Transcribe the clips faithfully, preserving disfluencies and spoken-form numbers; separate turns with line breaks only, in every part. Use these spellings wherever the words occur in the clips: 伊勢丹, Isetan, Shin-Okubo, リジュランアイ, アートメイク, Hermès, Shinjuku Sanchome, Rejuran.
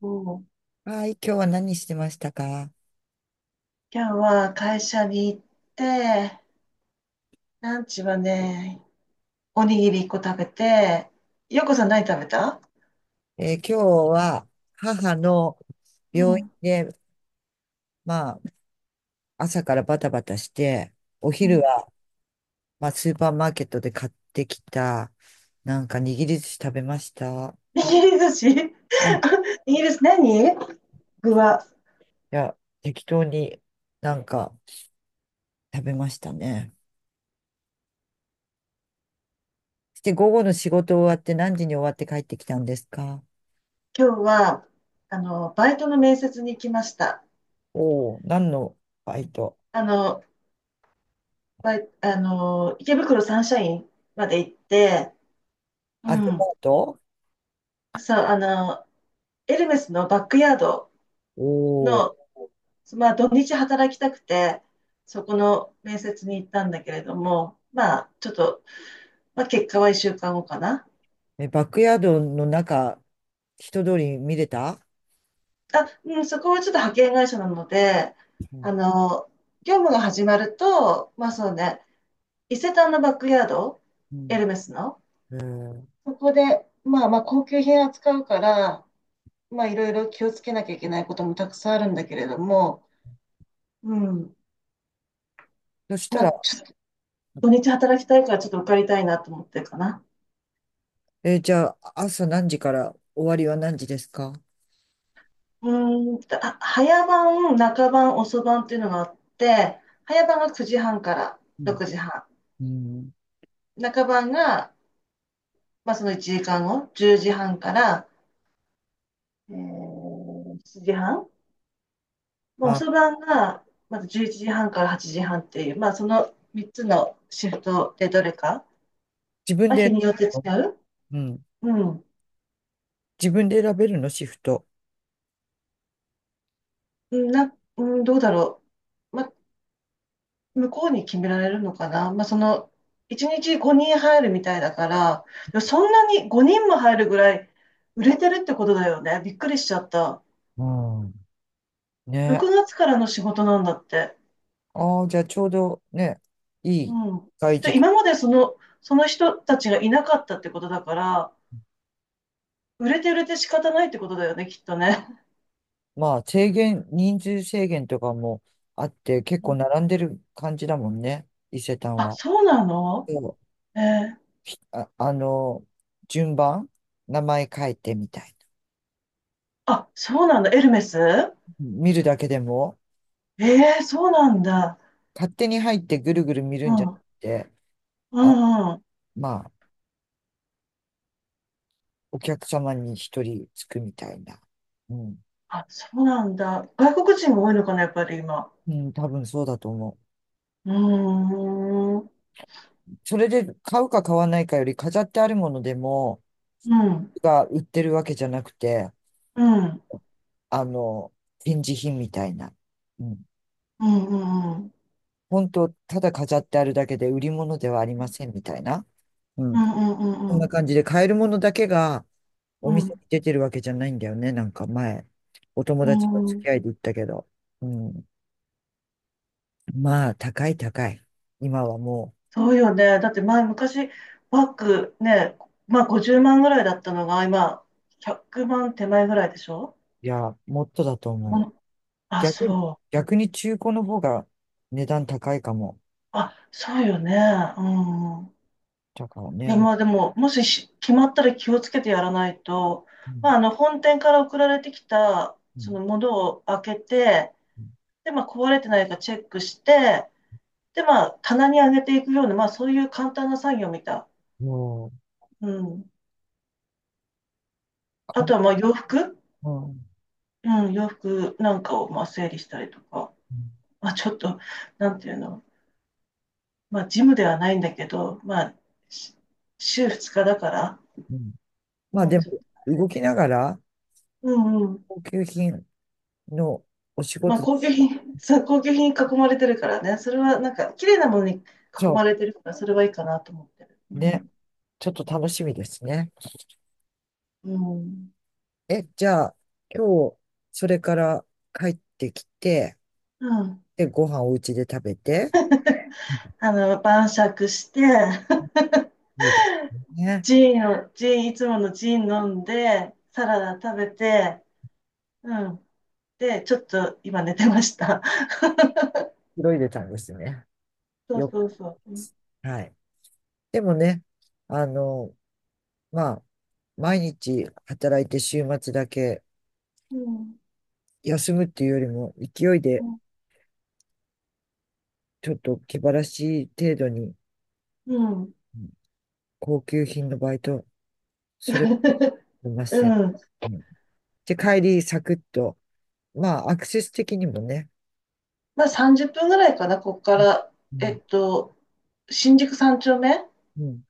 もう、
はい、今日は何してましたか？
今日は会社に行って、ランチはね、おにぎりいっこ食べて、ようこさん何食べた？
えー今日は母の
う
病院
ん。
で、まあ、朝からバタバタして、お
う
昼
ん。
は、まあ、スーパーマーケットで買ってきた、なんか握り寿司食べました。
握り寿司。
あい
イギリス何、具は、
や、適当になんか食べましたね。して、午後の仕事終わって何時に終わって帰ってきたんですか？
今日は、あの、バイトの面接に行きました。
おおー、何のバイト？
あの、バイ、あの、池袋サンシャインまで行って、う
あ、デパ
ん。
ート？
そう、あの、エルメスのバックヤード
おお
の、まあ、土日働きたくて、そこの面接に行ったんだけれども、まあ、ちょっと、まあ、結果はいっしゅうかんごかな。
ー、え、バックヤードの中、人通り見れた？
あ、うん、そこはちょっと派遣会社なので、
う
あ
ん
の、業務が始まると、まあそうね、伊勢丹のバックヤード、
う
エ
ん、
ルメスの、
えー
そこで、まあまあ高級品扱うから、まあいろいろ気をつけなきゃいけないこともたくさんあるんだけれども、うん、
そした
まあ
ら。
ちょっと土日働きたいからちょっと受かりたいなと思ってるかな。
えーじゃあ、朝何時から終わりは何時ですか？
うーん、あ、早番、中番、遅番っていうのがあって、早番がくじはんから
うん
ろくじはん。
うん、
中番が、まあ、そのいちじかんご、じゅうじはんから、えー、しちじはん。もう
あ、
遅番が、まずじゅういちじはんからはちじはんっていう、まあ、そのみっつのシフトでどれか、
自分
まあ、日
で。
によって違う。
うん。
うん。
自分で選べるの、シフト？
うんな、うん、どうだろう。まあ、向こうに決められるのかな。まあ、その、いちにちごにん入るみたいだから、でもそんなにごにんも入るぐらい売れてるってことだよね。びっくりしちゃった。
うん、ね。
ろくがつからの仕事なんだって。
ああ、じゃあちょうどね、いい
うん。
外時
で、
期。
今までその、その人たちがいなかったってことだから、売れて売れて仕方ないってことだよね、きっとね。
まあ、制限、人数制限とかもあって、
う
結構
ん。
並んでる感じだもんね、伊勢丹
あ、
は。
そうなの？
そう。
えー
あ、あの、順番、名前書いてみたい
あ、そうなんだ。エルメス。
な。見るだけでも
えー、そうなんだ。
勝手に入ってぐるぐる見る
う
んじゃな
ん。
くて、
う
あ、
ん。
まあ、お客様に一人つくみたいな。うん。
あ、そうなんだ。外国人が多いのかな、やっぱり今。
うん、多分そうだと思
うーん。うん。
う。それで買うか買わないかより飾ってあるものでも、
うん。
が売ってるわけじゃなくて、
うん。
あの、展示品みたいな。うん。
うん。うん。
本当、ただ飾ってあるだけで売り物ではありませんみたいな。う
う
ん。
んうんう
こん
んう
な
ん。
感じで買えるものだけがお
う
店に
ん。
出てるわけじゃないんだよね。なんか前、お友
うんうん
達の
うんうん
付
う
き合
ん。
いで言ったけど。うん。まあ、高い高い。今はも
そうよね。だって前、昔、バッグね、まあごじゅうまんぐらいだったのが、今、ひゃくまん手前ぐらいでしょ？
う、いや、もっとだと思
う
う。
ん。あ、
逆に、
そう。
逆に中古の方が値段高いかも。
あ、そうよね。うん。
だから
い
ね、
や、まあでも、もしし決まったら気をつけてやらないと、
う、う
ま
ん
あ、あの、本店から送られてきた、
う
そ
ん
のものを開けて、
うん、
で、まあ、壊れてないかチェックして、で、まあ、棚に上げていくような、まあ、そういう簡単な作業みた
も
い。うん。
う、か
あ
ん、
とは、まあ、洋服
うんうん
うん、洋服なんかを、まあ、整理したりとか、まあ、ちょっと、なんていうの、まあ、ジムではないんだけど、まあ、し週ににちだから、
うん、まあ
まあ、
でも、
ちょっと、
動きながら、
うんうん。
高級品のお仕
まあ、
事だ。
高級品、そう、高級品に囲まれてるからね、それはなんか、綺麗なものに囲
そ
まれてるから、それはいいかなと思ってる。う
う、ね、
ん。
ちょっと楽しみですね。
うん。
え、じゃあ、今日、それから帰ってきて、
うん。
で、ご飯お家で食べて、うん、
あの、晩酌して、
いいですね。
ジーンを、ジーン、いつものジーン飲んで、サラダ食べて、うん。で、ちょっと今寝てました。
広いでたんですね。
そう
よ
そ
く
う
で
そう。う
す。はい。でもね、あの、まあ、毎日働いて週末だけ
ん。
休むっていうよりも、勢い
う
で
ん。
ちょっと気晴らしい程度に、
うん。
うん、高級品のバイト、それは ありま
う
せん。
ん。
うん、で、帰りサクッと、まあ、アクセス的にもね、
まあさんじゅっぷんぐらいかな、こっか
うん
ら。
う
えっ
ん
と、新宿三丁目
うん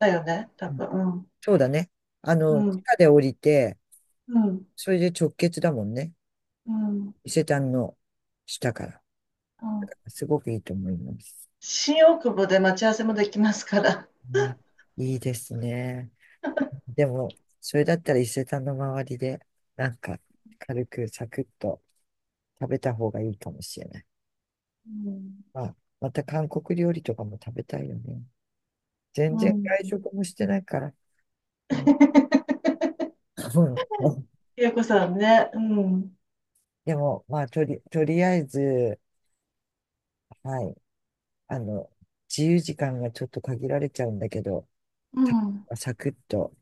だよね、多
うん、
分。
そうだね。あ
う
の、
ん。う
地
ん。
下で降りて、
うん。
それで直結だもんね。
うん。
伊勢丹の下から。
うん。
すごくいいと思います。
新大久保で待ち合わせもできますから。
まあ、いいですね。でも、それだったら伊勢丹の周りで、なんか、軽くサクッと食べた方がいいかもしれない。
うん。
まあ、また韓国料理とかも食べたいよね。全
う
然
ん。
外食もしてないから。うん、うん。
ゆうこさんね。うん。
でも、まあ、とり、とりあえず、はい、あの、自由時間がちょっと限られちゃうんだけど、
う
た
ん。
サクッと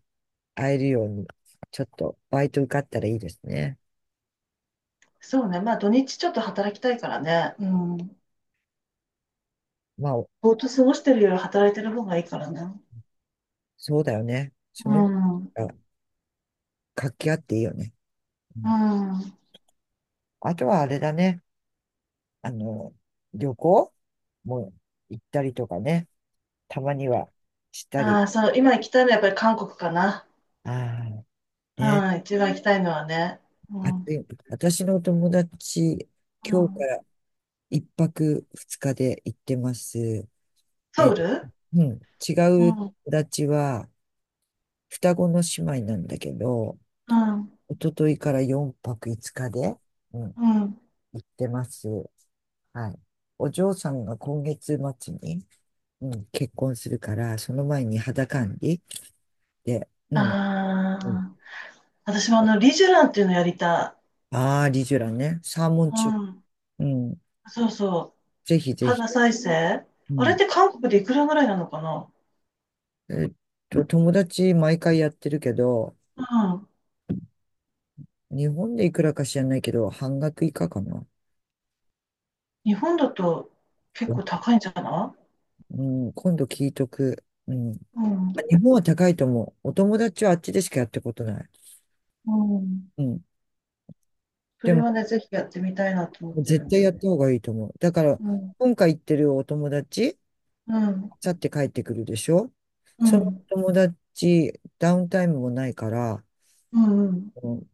会えるように、ちょっとバイト受かったらいいですね。
そうね。まあ土日ちょっと働きたいからね。うん。
まあ、
ぼーっと過ごしてるより働いてる方がいいからね。
そうだよね。そ
う
の、
ん。うん。
活気あっていいよね。うん、あとはあれだね。あの、旅行も行ったりとかね。たまにはしたり。
ああ、そう。今行きたいのはやっぱり韓国かな。
ああ、ね。
うん。一番行きたいのはね。う
あと、
ん。
私の友達、
う
今日か
ん。
らいっぱくふつかで行ってます。
ソウ
え、
ル？
うん。違
う
う
ん。
友達は、双子の姉妹なんだけど、
うん。
一昨日からよんぱくいつかで、うん、
うん。
行ってます。はい。お嬢さんが今月末に、うん、結婚するから、その前に肌管理で、うん、
あ
うん。
あ。私もあの、リジュランっていうのやりた
ああ、リジュラね。サーモ
い。
ン
う
中。
ん。
うん。
そうそう。
ぜひぜひ。
肌再生。
う
あれっ
ん。
て韓国でいくらぐらいなのかな。
えっと、友達毎回やってるけど、
うん。
日本でいくらか知らないけど、半額以下かな。
日本だと結構高いんじゃな
うん、今度聞いとく。うん。
い？うん。
日本は高いと思う。お友達はあっちでしかやったことない。
うん。
うん。
そ
で
れ
も、
はね、ぜひやってみたいなと思って
絶
るんだ
対や
よ
っ
ね。
た方がいいと思う。だから、
うん、
今回行ってるお友達、
うん、
去って帰ってくるでしょ？
う
その
ん、
友達、ダウンタイムもないから、
うん、うん、
うん、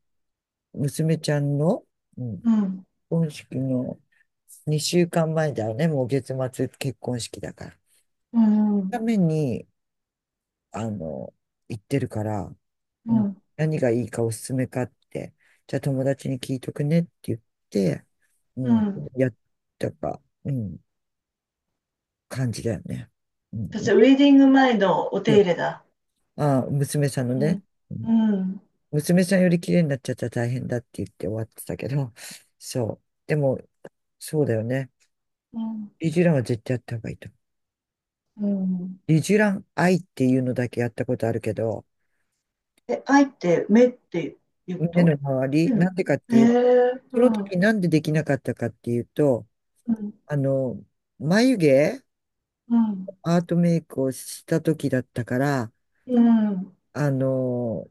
娘ちゃんの、うん、結
うん、
婚式のにしゅうかんまえだよね、もう月末結婚式だから。
う
た
ん、
めに、あの、行ってるから、
う
うん、
ん、
何がいいかおすすめかって、じゃあ友達に聞いとくねって言って、う
う
ん、
ん。
やったか、うん、感じだよね。うん、
私はウ
で、
ェディング前のお手
そ
入
う、
れだ。
あ、娘さんの
う
ね。
ん、
うん、
うん、
娘さんより綺麗になっちゃったら大変だって言って終わってたけど、そう。でも、そうだよね。
うん、
リジュランは絶対やった方がいいと思う。
うん。
リジュランアイっていうのだけやったことあるけど、
え、愛って目って言うこ
目の
と？
周り、
う
な
ん。
んでかって
え
いう、
え
その
うん、
時なんでできなかったかっていうと、
うん、
あの、眉毛、
うん、
アートメイクをした時だったから、
うん、うん、
あの、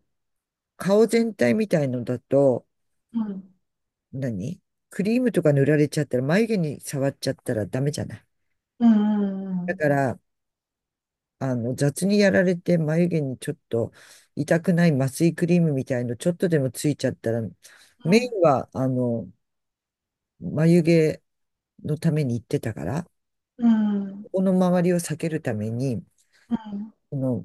顔全体みたいのだと、
うん、
何クリームとか塗られちゃったら、眉毛に触っちゃったらダメじゃない。
う
だ
ん、
から、あの、雑にやられて眉毛にちょっと痛くない麻酔クリームみたいのちょっとでもついちゃったら、
う
メイ
ん、
ンは、あの、眉毛のために行ってたから、
うん、
ここの周りを避けるために、この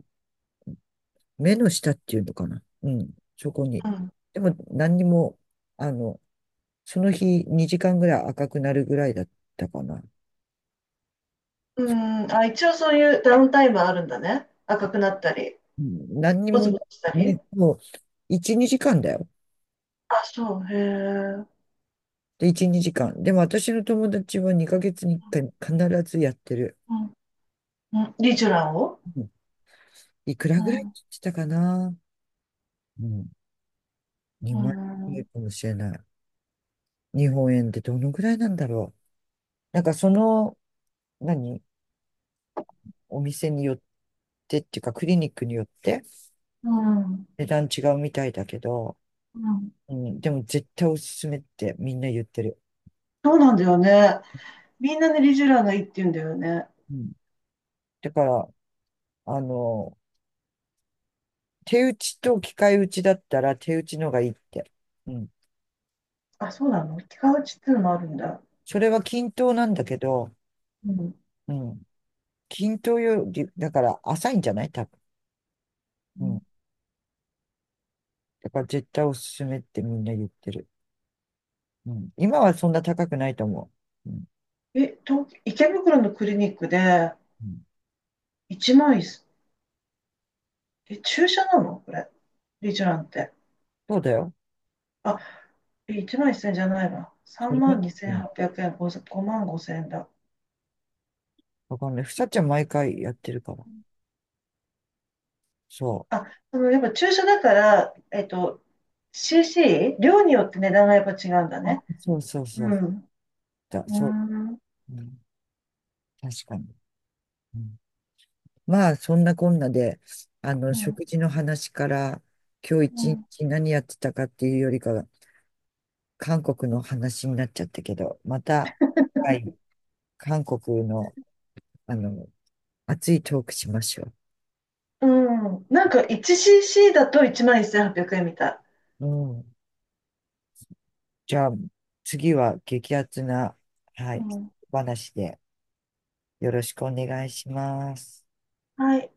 目の下っていうのかな。うん、そこに。
うん、
でも何にも、あの、その日にじかんぐらい赤くなるぐらいだったかな。
うん。あ、一応そういうダウンタイムはあるんだね。赤くなったり。
うん、何に
ボ
も、
ツ
ね、
ボツしたり。
もういち、にじかんだよ。
あ、そう、へえ。
で、いち、にじかん。でも私の友達はにかげつにいっかい必ずやってる。
うん。うん、リジュラを。
うん、いくら
う
ぐらいって
ん、
言ってたかな。うん。
う
にまん円ぐら
ん、
いかもしれない。日本円でどのぐらいなんだろう。なんかその、何お店によってっていうかクリニックによって
うん、
値段違うみたいだけど、
うん。
うん。でも絶対おすすめってみんな言ってる。
そうなんだよね。みんなね、リジュラがいいって言うんだよね。
うん。だから、あの、手打ちと機械打ちだったら手打ちのがいいって。うん。
あ、そうなの？気がちっていうのもあるんだ。
それは均等なんだけど、
うん。
うん。均等より、だから浅いんじゃない多分。
う
う
ん。
ん。だから絶対おすすめってみんな言ってる。うん。今はそんな高くないと思う。うん。
え、東、池袋のクリニックで
うん、
いちまんせん、え、注射なのこれ？リジュランって。
そうだよ。
あ、えいちまんせんじゃないわ。
そ
3
れが、
万
うん。
にせんはっぴゃくえん、ご、ごまんごせんえんだ。
わかんない。ふさちゃん毎回やってるから。そ
あ、その、やっぱ注射だから、えっと、シーシー？ 量によって値段がやっぱ違うんだ
う。あ、
ね。
そうそう
う
そう。
ん。
だ、
うー
そ
ん。
う。うん。確かに。うん。まあ、そんなこんなで、あの、
うん。
食事の話から、今
う
日一
ん。
日何やってたかっていうよりかは、韓国の話になっちゃったけど、また、はい、韓国の、あの、熱いトークしましょ
うん。なんか いちシーシー だといちまんせんはっぴゃくえんみたい。
う。うん。じゃあ、次は激アツな、は
う
い、
ん。
お話でよろしくお願いします。
はい。